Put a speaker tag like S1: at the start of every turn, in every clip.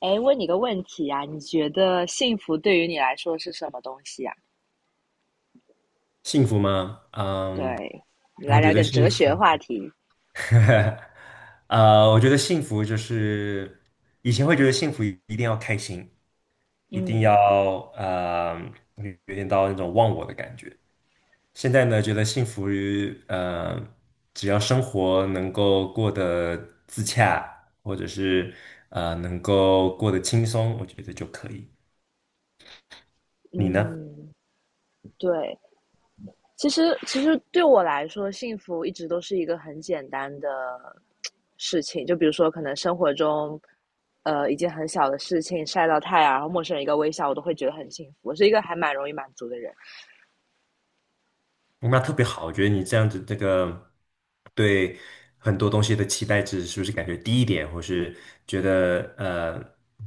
S1: 哎，问你个问题啊，你觉得幸福对于你来说是什么东西啊？
S2: 幸福吗？嗯，
S1: 对，你来
S2: 我觉
S1: 聊
S2: 得
S1: 点哲
S2: 幸
S1: 学
S2: 福，
S1: 话题。
S2: 我觉得幸福就是以前会觉得幸福一定要开心，一定
S1: 嗯
S2: 要有点到那种忘我的感觉。现在呢，觉得幸福于只要生活能够过得自洽，或者是能够过得轻松，我觉得就可以。你呢？
S1: 嗯，对，其实对我来说，幸福一直都是一个很简单的事情。就比如说，可能生活中，一件很小的事情，晒到太阳，然后陌生人一个微笑，我都会觉得很幸福。我是一个还蛮容易满足的人。
S2: 那特别好，我觉得你这样子，这个对很多东西的期待值是不是感觉低一点，或是觉得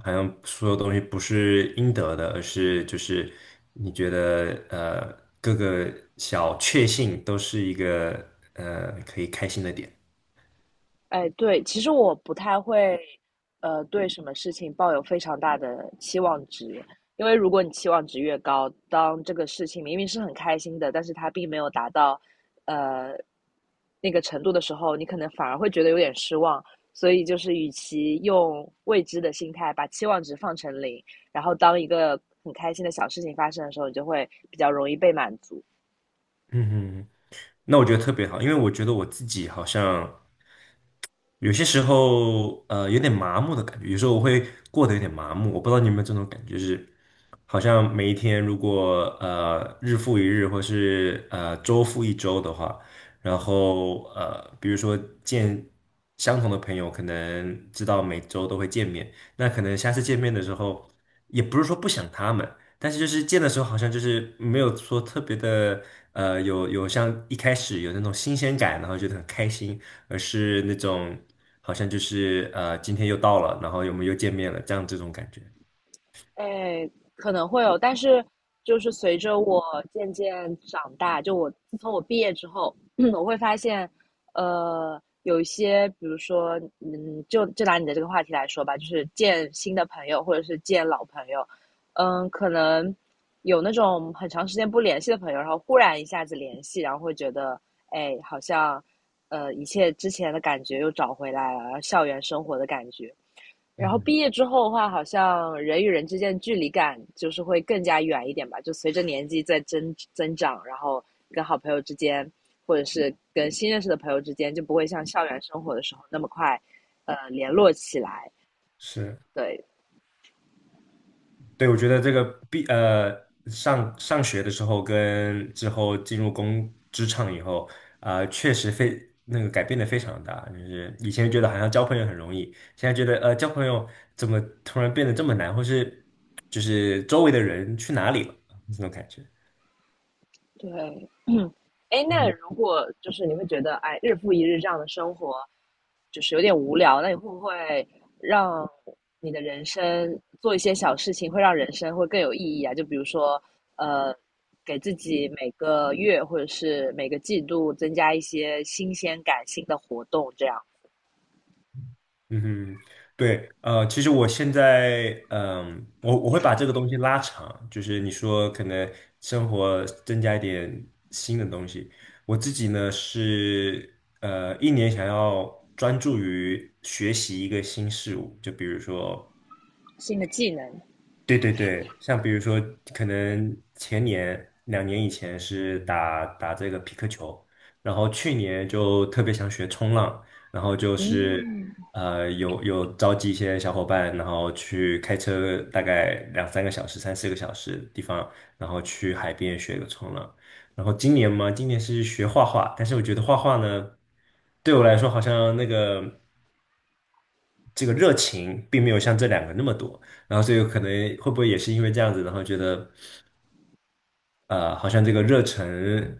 S2: 好像所有东西不是应得的，而是就是你觉得各个小确幸都是一个可以开心的点。
S1: 哎，对，其实我不太会，对什么事情抱有非常大的期望值，因为如果你期望值越高，当这个事情明明是很开心的，但是它并没有达到，呃，那个程度的时候，你可能反而会觉得有点失望。所以就是，与其用未知的心态把期望值放成零，然后当一个很开心的小事情发生的时候，你就会比较容易被满足。
S2: 嗯哼，那我觉得特别好，因为我觉得我自己好像。有些时候，有点麻木的感觉，有时候我会过得有点麻木，我不知道你有没有这种感觉，就是好像每一天如果日复一日，或是周复一周的话，然后比如说见相同的朋友，可能知道每周都会见面，那可能下次见面的时候，也不是说不想他们，但是就是见的时候好像就是没有说特别的，有像一开始有那种新鲜感，然后觉得很开心。而是那种好像就是今天又到了，然后我们又见面了，这样这种感觉。
S1: 哎，可能会有，但是就是随着我渐渐长大，就我自从我毕业之后，我会发现，有一些，比如说，嗯，就拿你的这个话题来说吧，就是见新的朋友或者是见老朋友，嗯，可能有那种很长时间不联系的朋友，然后忽然一下子联系，然后会觉得，哎，好像，一切之前的感觉又找回来了，然后校园生活的感觉，然
S2: 嗯
S1: 后
S2: 哼，
S1: 毕业之后的话，好像人与人之间的距离感就是会更加远一点吧。就随着年纪在增长，然后跟好朋友之间，或者是跟新认识的朋友之间，就不会像校园生活的时候那么快，联络起来。
S2: 是，
S1: 对，
S2: 对，我觉得这个毕呃上学的时候跟之后进入工职场以后，啊、确实非那个改变的非常大。就是以前觉得好像交朋友很容易，现在觉得交朋友怎么突然变得这么难，或是就是周围的人去哪里了这种感觉。
S1: 对，哎，那
S2: 嗯。
S1: 如果就是你会觉得，哎，日复一日这样的生活，就是有点无聊，那你会不会让你的人生做一些小事情，会让人生会更有意义啊？就比如说，呃，给自己每个月或者是每个季度增加一些新鲜感、新的活动，这样
S2: 嗯哼，对，其实我现在，我会把这个东西拉长，就是你说可能生活增加一点新的东西。我自己呢是，一年想要专注于学习一个新事物，就比如说
S1: 新的技能。
S2: 对对对，像比如说，可能前年2年以前是打打这个皮克球，然后去年就特别想学冲浪，然后就是
S1: 嗯
S2: 有召集一些小伙伴，然后去开车大概两三个小时、三四个小时的地方，然后去海边学个冲浪。然后今年嘛，今年是学画画，但是我觉得画画呢，对我来说好像那个。这个热情并没有像这2个那么多，然后所以可能会不会也是因为这样子，然后觉得好像这个热忱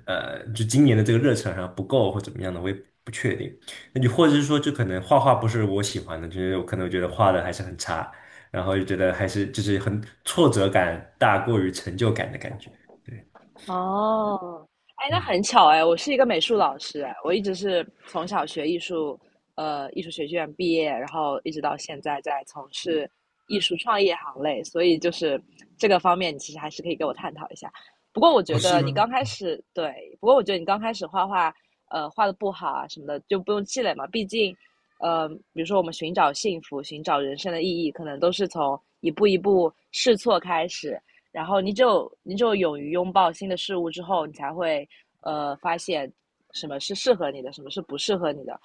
S2: 就今年的这个热忱好像不够或怎么样的，我也不确定。那你或者是说就可能画画不是我喜欢的，就是我可能觉得画的还是很差，然后就觉得还是就是很挫折感大过于成就感的感觉。对，
S1: 哦，哎，那
S2: 嗯，
S1: 很巧哎，我是一个美术老师哎，我一直是从小学艺术，艺术学院毕业，然后一直到现在在从事艺术创业行类，所以就是这个方面，你其实还是可以给我探讨一下。不过我
S2: 哦，
S1: 觉
S2: 是
S1: 得你
S2: 吗？
S1: 刚开始，对，不过我觉得你刚开始画画，画的不好啊什么的，就不用气馁嘛，毕竟。比如说我们寻找幸福、寻找人生的意义，可能都是从一步一步试错开始，然后你只有勇于拥抱新的事物之后，你才会发现什么是适合你的，什么是不适合你的。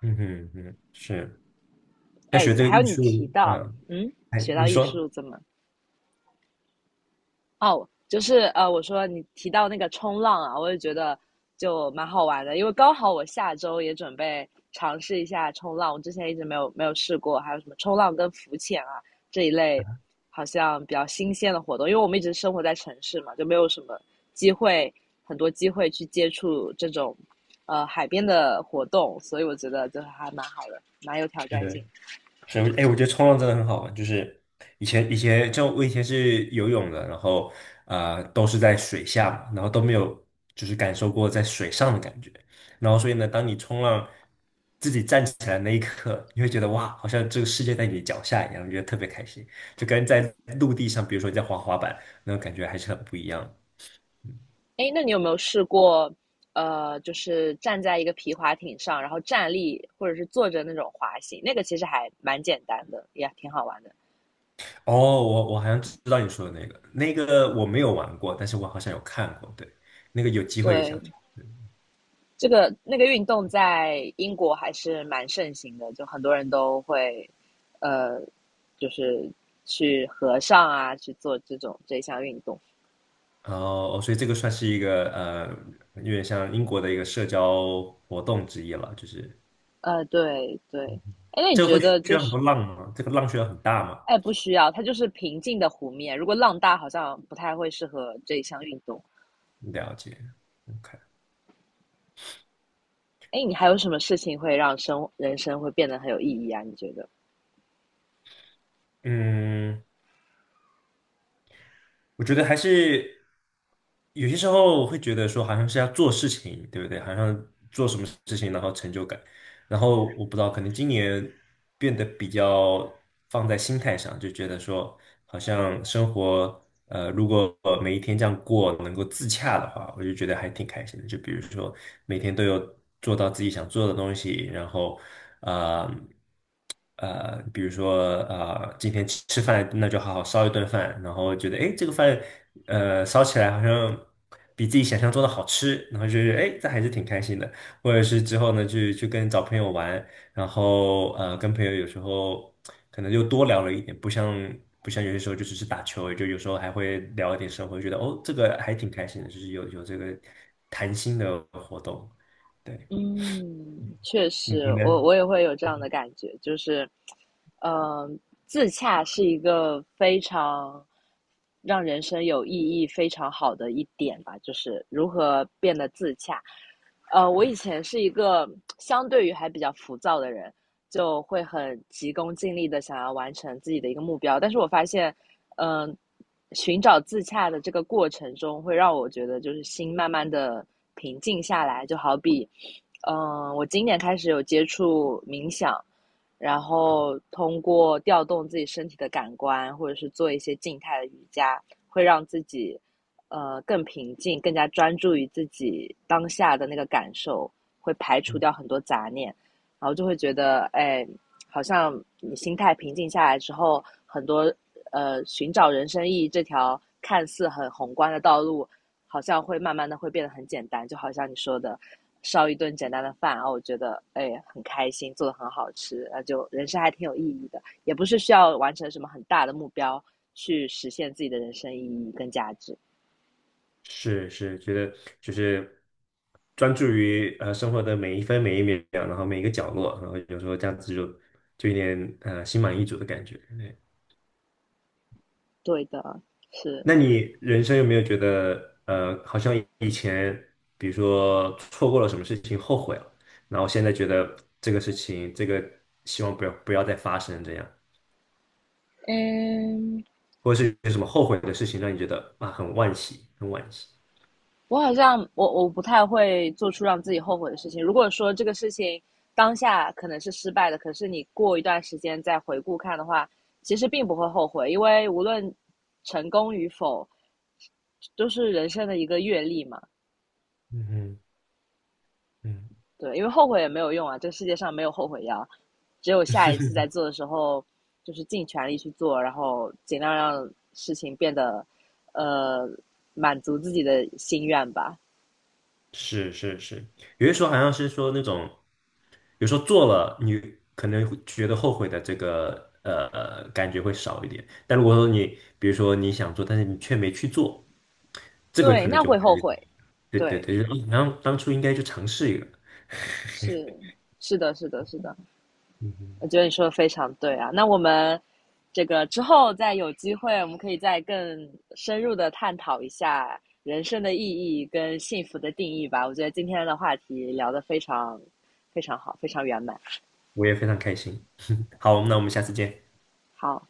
S2: 嗯哼嗯，是。那
S1: 哎，
S2: 学这个
S1: 还
S2: 艺
S1: 有你
S2: 术，
S1: 提到，
S2: 嗯，
S1: 嗯，
S2: 哎，
S1: 学
S2: 你
S1: 到艺
S2: 说
S1: 术怎么哦，就是我说你提到那个冲浪啊，我也觉得就蛮好玩的，因为刚好我下周也准备尝试一下冲浪，我之前一直没有试过，还有什么冲浪跟浮潜啊这一类，好像比较新鲜的活动，因为我们一直生活在城市嘛，就没有什么机会，很多机会去接触这种海边的活动，所以我觉得就是还蛮好的，蛮有挑
S2: 是。
S1: 战性的。
S2: 是，哎，我觉得冲浪真的很好玩。就是以前就我以前是游泳的，然后啊、都是在水下嘛，然后都没有就是感受过在水上的感觉。然后所以呢，当你冲浪自己站起来那一刻，你会觉得哇，好像这个世界在你脚下一样，觉得特别开心，就跟在陆地上，比如说你在滑滑板，那种感觉还是很不一样的。嗯
S1: 哎，那你有没有试过，就是站在一个皮划艇上，然后站立或者是坐着那种滑行？那个其实还蛮简单的，也挺好玩的。
S2: 哦，我好像知道你说的那个，那个我没有玩过，但是我好像有看过，对，那个有机会也想去。
S1: 对，这个那个运动在英国还是蛮盛行的，就很多人都会，呃，就是去河上啊，去做这种这项运动。
S2: 哦，所以这个算是一个有点像英国的一个社交活动之一了，就是
S1: 对对。哎，那你
S2: 这个
S1: 觉
S2: 会
S1: 得
S2: 需
S1: 就
S2: 要很
S1: 是，
S2: 多浪吗？这个浪需要很大吗？
S1: 哎，不需要，它就是平静的湖面，如果浪大，好像不太会适合这一项运动。
S2: 了解，OK，
S1: 哎，你还有什么事情会让生人生会变得很有意义啊？你觉得？
S2: 嗯。我觉得还是有些时候我会觉得说，好像是要做事情，对不对？好像做什么事情，然后成就感。然后我不知道，可能今年变得比较放在心态上，就觉得说，好像生活，如果每一天这样过，能够自洽的话，我就觉得还挺开心的。就比如说每天都有做到自己想做的东西，然后，啊。比如说今天吃吃饭，那就好好烧一顿饭，然后觉得诶，这个饭烧起来好像比自己想象中的好吃，然后就是诶，这还是挺开心的。或者是之后呢，去跟找朋友玩，然后跟朋友有时候可能又多聊了一点，不像有些时候就只是打球而已就有时候还会聊一点生活，觉得哦，这个还挺开心的，就是有这个谈心的活动。对，
S1: 嗯，确实，
S2: 你
S1: 我
S2: 呢？
S1: 我也会有这样的感觉，就是，嗯、自洽是一个非常让人生有意义、非常好的一点吧，就是如何变得自洽。我以前是一个相对于还比较浮躁的人，就会很急功近利的想要完成自己的一个目标。但是我发现，嗯、呃寻找自洽的这个过程中，会让我觉得就是心慢慢的平静下来。就好比，嗯、我今年开始有接触冥想，然后通过调动自己身体的感官，或者是做一些静态的瑜伽，会让自己更平静，更加专注于自己当下的那个感受，会排除掉很多杂念。然后就会觉得，哎，好像你心态平静下来之后，很多寻找人生意义这条看似很宏观的道路，好像会慢慢的会变得很简单，就好像你说的。烧一顿简单的饭，然后我觉得哎很开心，做的很好吃，那就人生还挺有意义的，也不是需要完成什么很大的目标去实现自己的人生意义跟价值。
S2: 是是，觉得就是专注于生活的每一分每一秒，然后每一个角落，然后有时候这样子就有点心满意足的感觉。对，
S1: 对的，是，
S2: 那你人生有没有觉得好像以前比如说错过了什么事情后悔了，然后现在觉得这个事情希望不要再发生这样，
S1: 嗯，
S2: 或者是有什么后悔的事情让你觉得啊很惋惜，很惋惜。
S1: 我好像我不太会做出让自己后悔的事情。如果说这个事情当下可能是失败的，可是你过一段时间再回顾看的话，其实并不会后悔，因为无论成功与否，都是人生的一个阅历嘛。
S2: 嗯哼嗯。
S1: 对，因为后悔也没有用啊，这个世界上没有后悔药，只有下一次在 做的时候，就是尽全力去做，然后尽量让事情变得呃满足自己的心愿吧。
S2: 是是是，有些时候好像是说那种，有时候做了你可能会觉得后悔的这个感觉会少一点，但如果说你比如说你想做，但是你却没去做，这个
S1: 对，
S2: 可能
S1: 那
S2: 就会，
S1: 会后悔，
S2: 对对
S1: 对。
S2: 对，就是好像当初应该去尝试一个，
S1: 是是的，是的，是的，
S2: 嗯哼，
S1: 我觉得你说的非常对啊。那我们这个之后再有机会，我们可以再更深入的探讨一下人生的意义跟幸福的定义吧。我觉得今天的话题聊得非常非常好，非常圆满。
S2: 我也非常开心。好，那我们下次见。
S1: 好，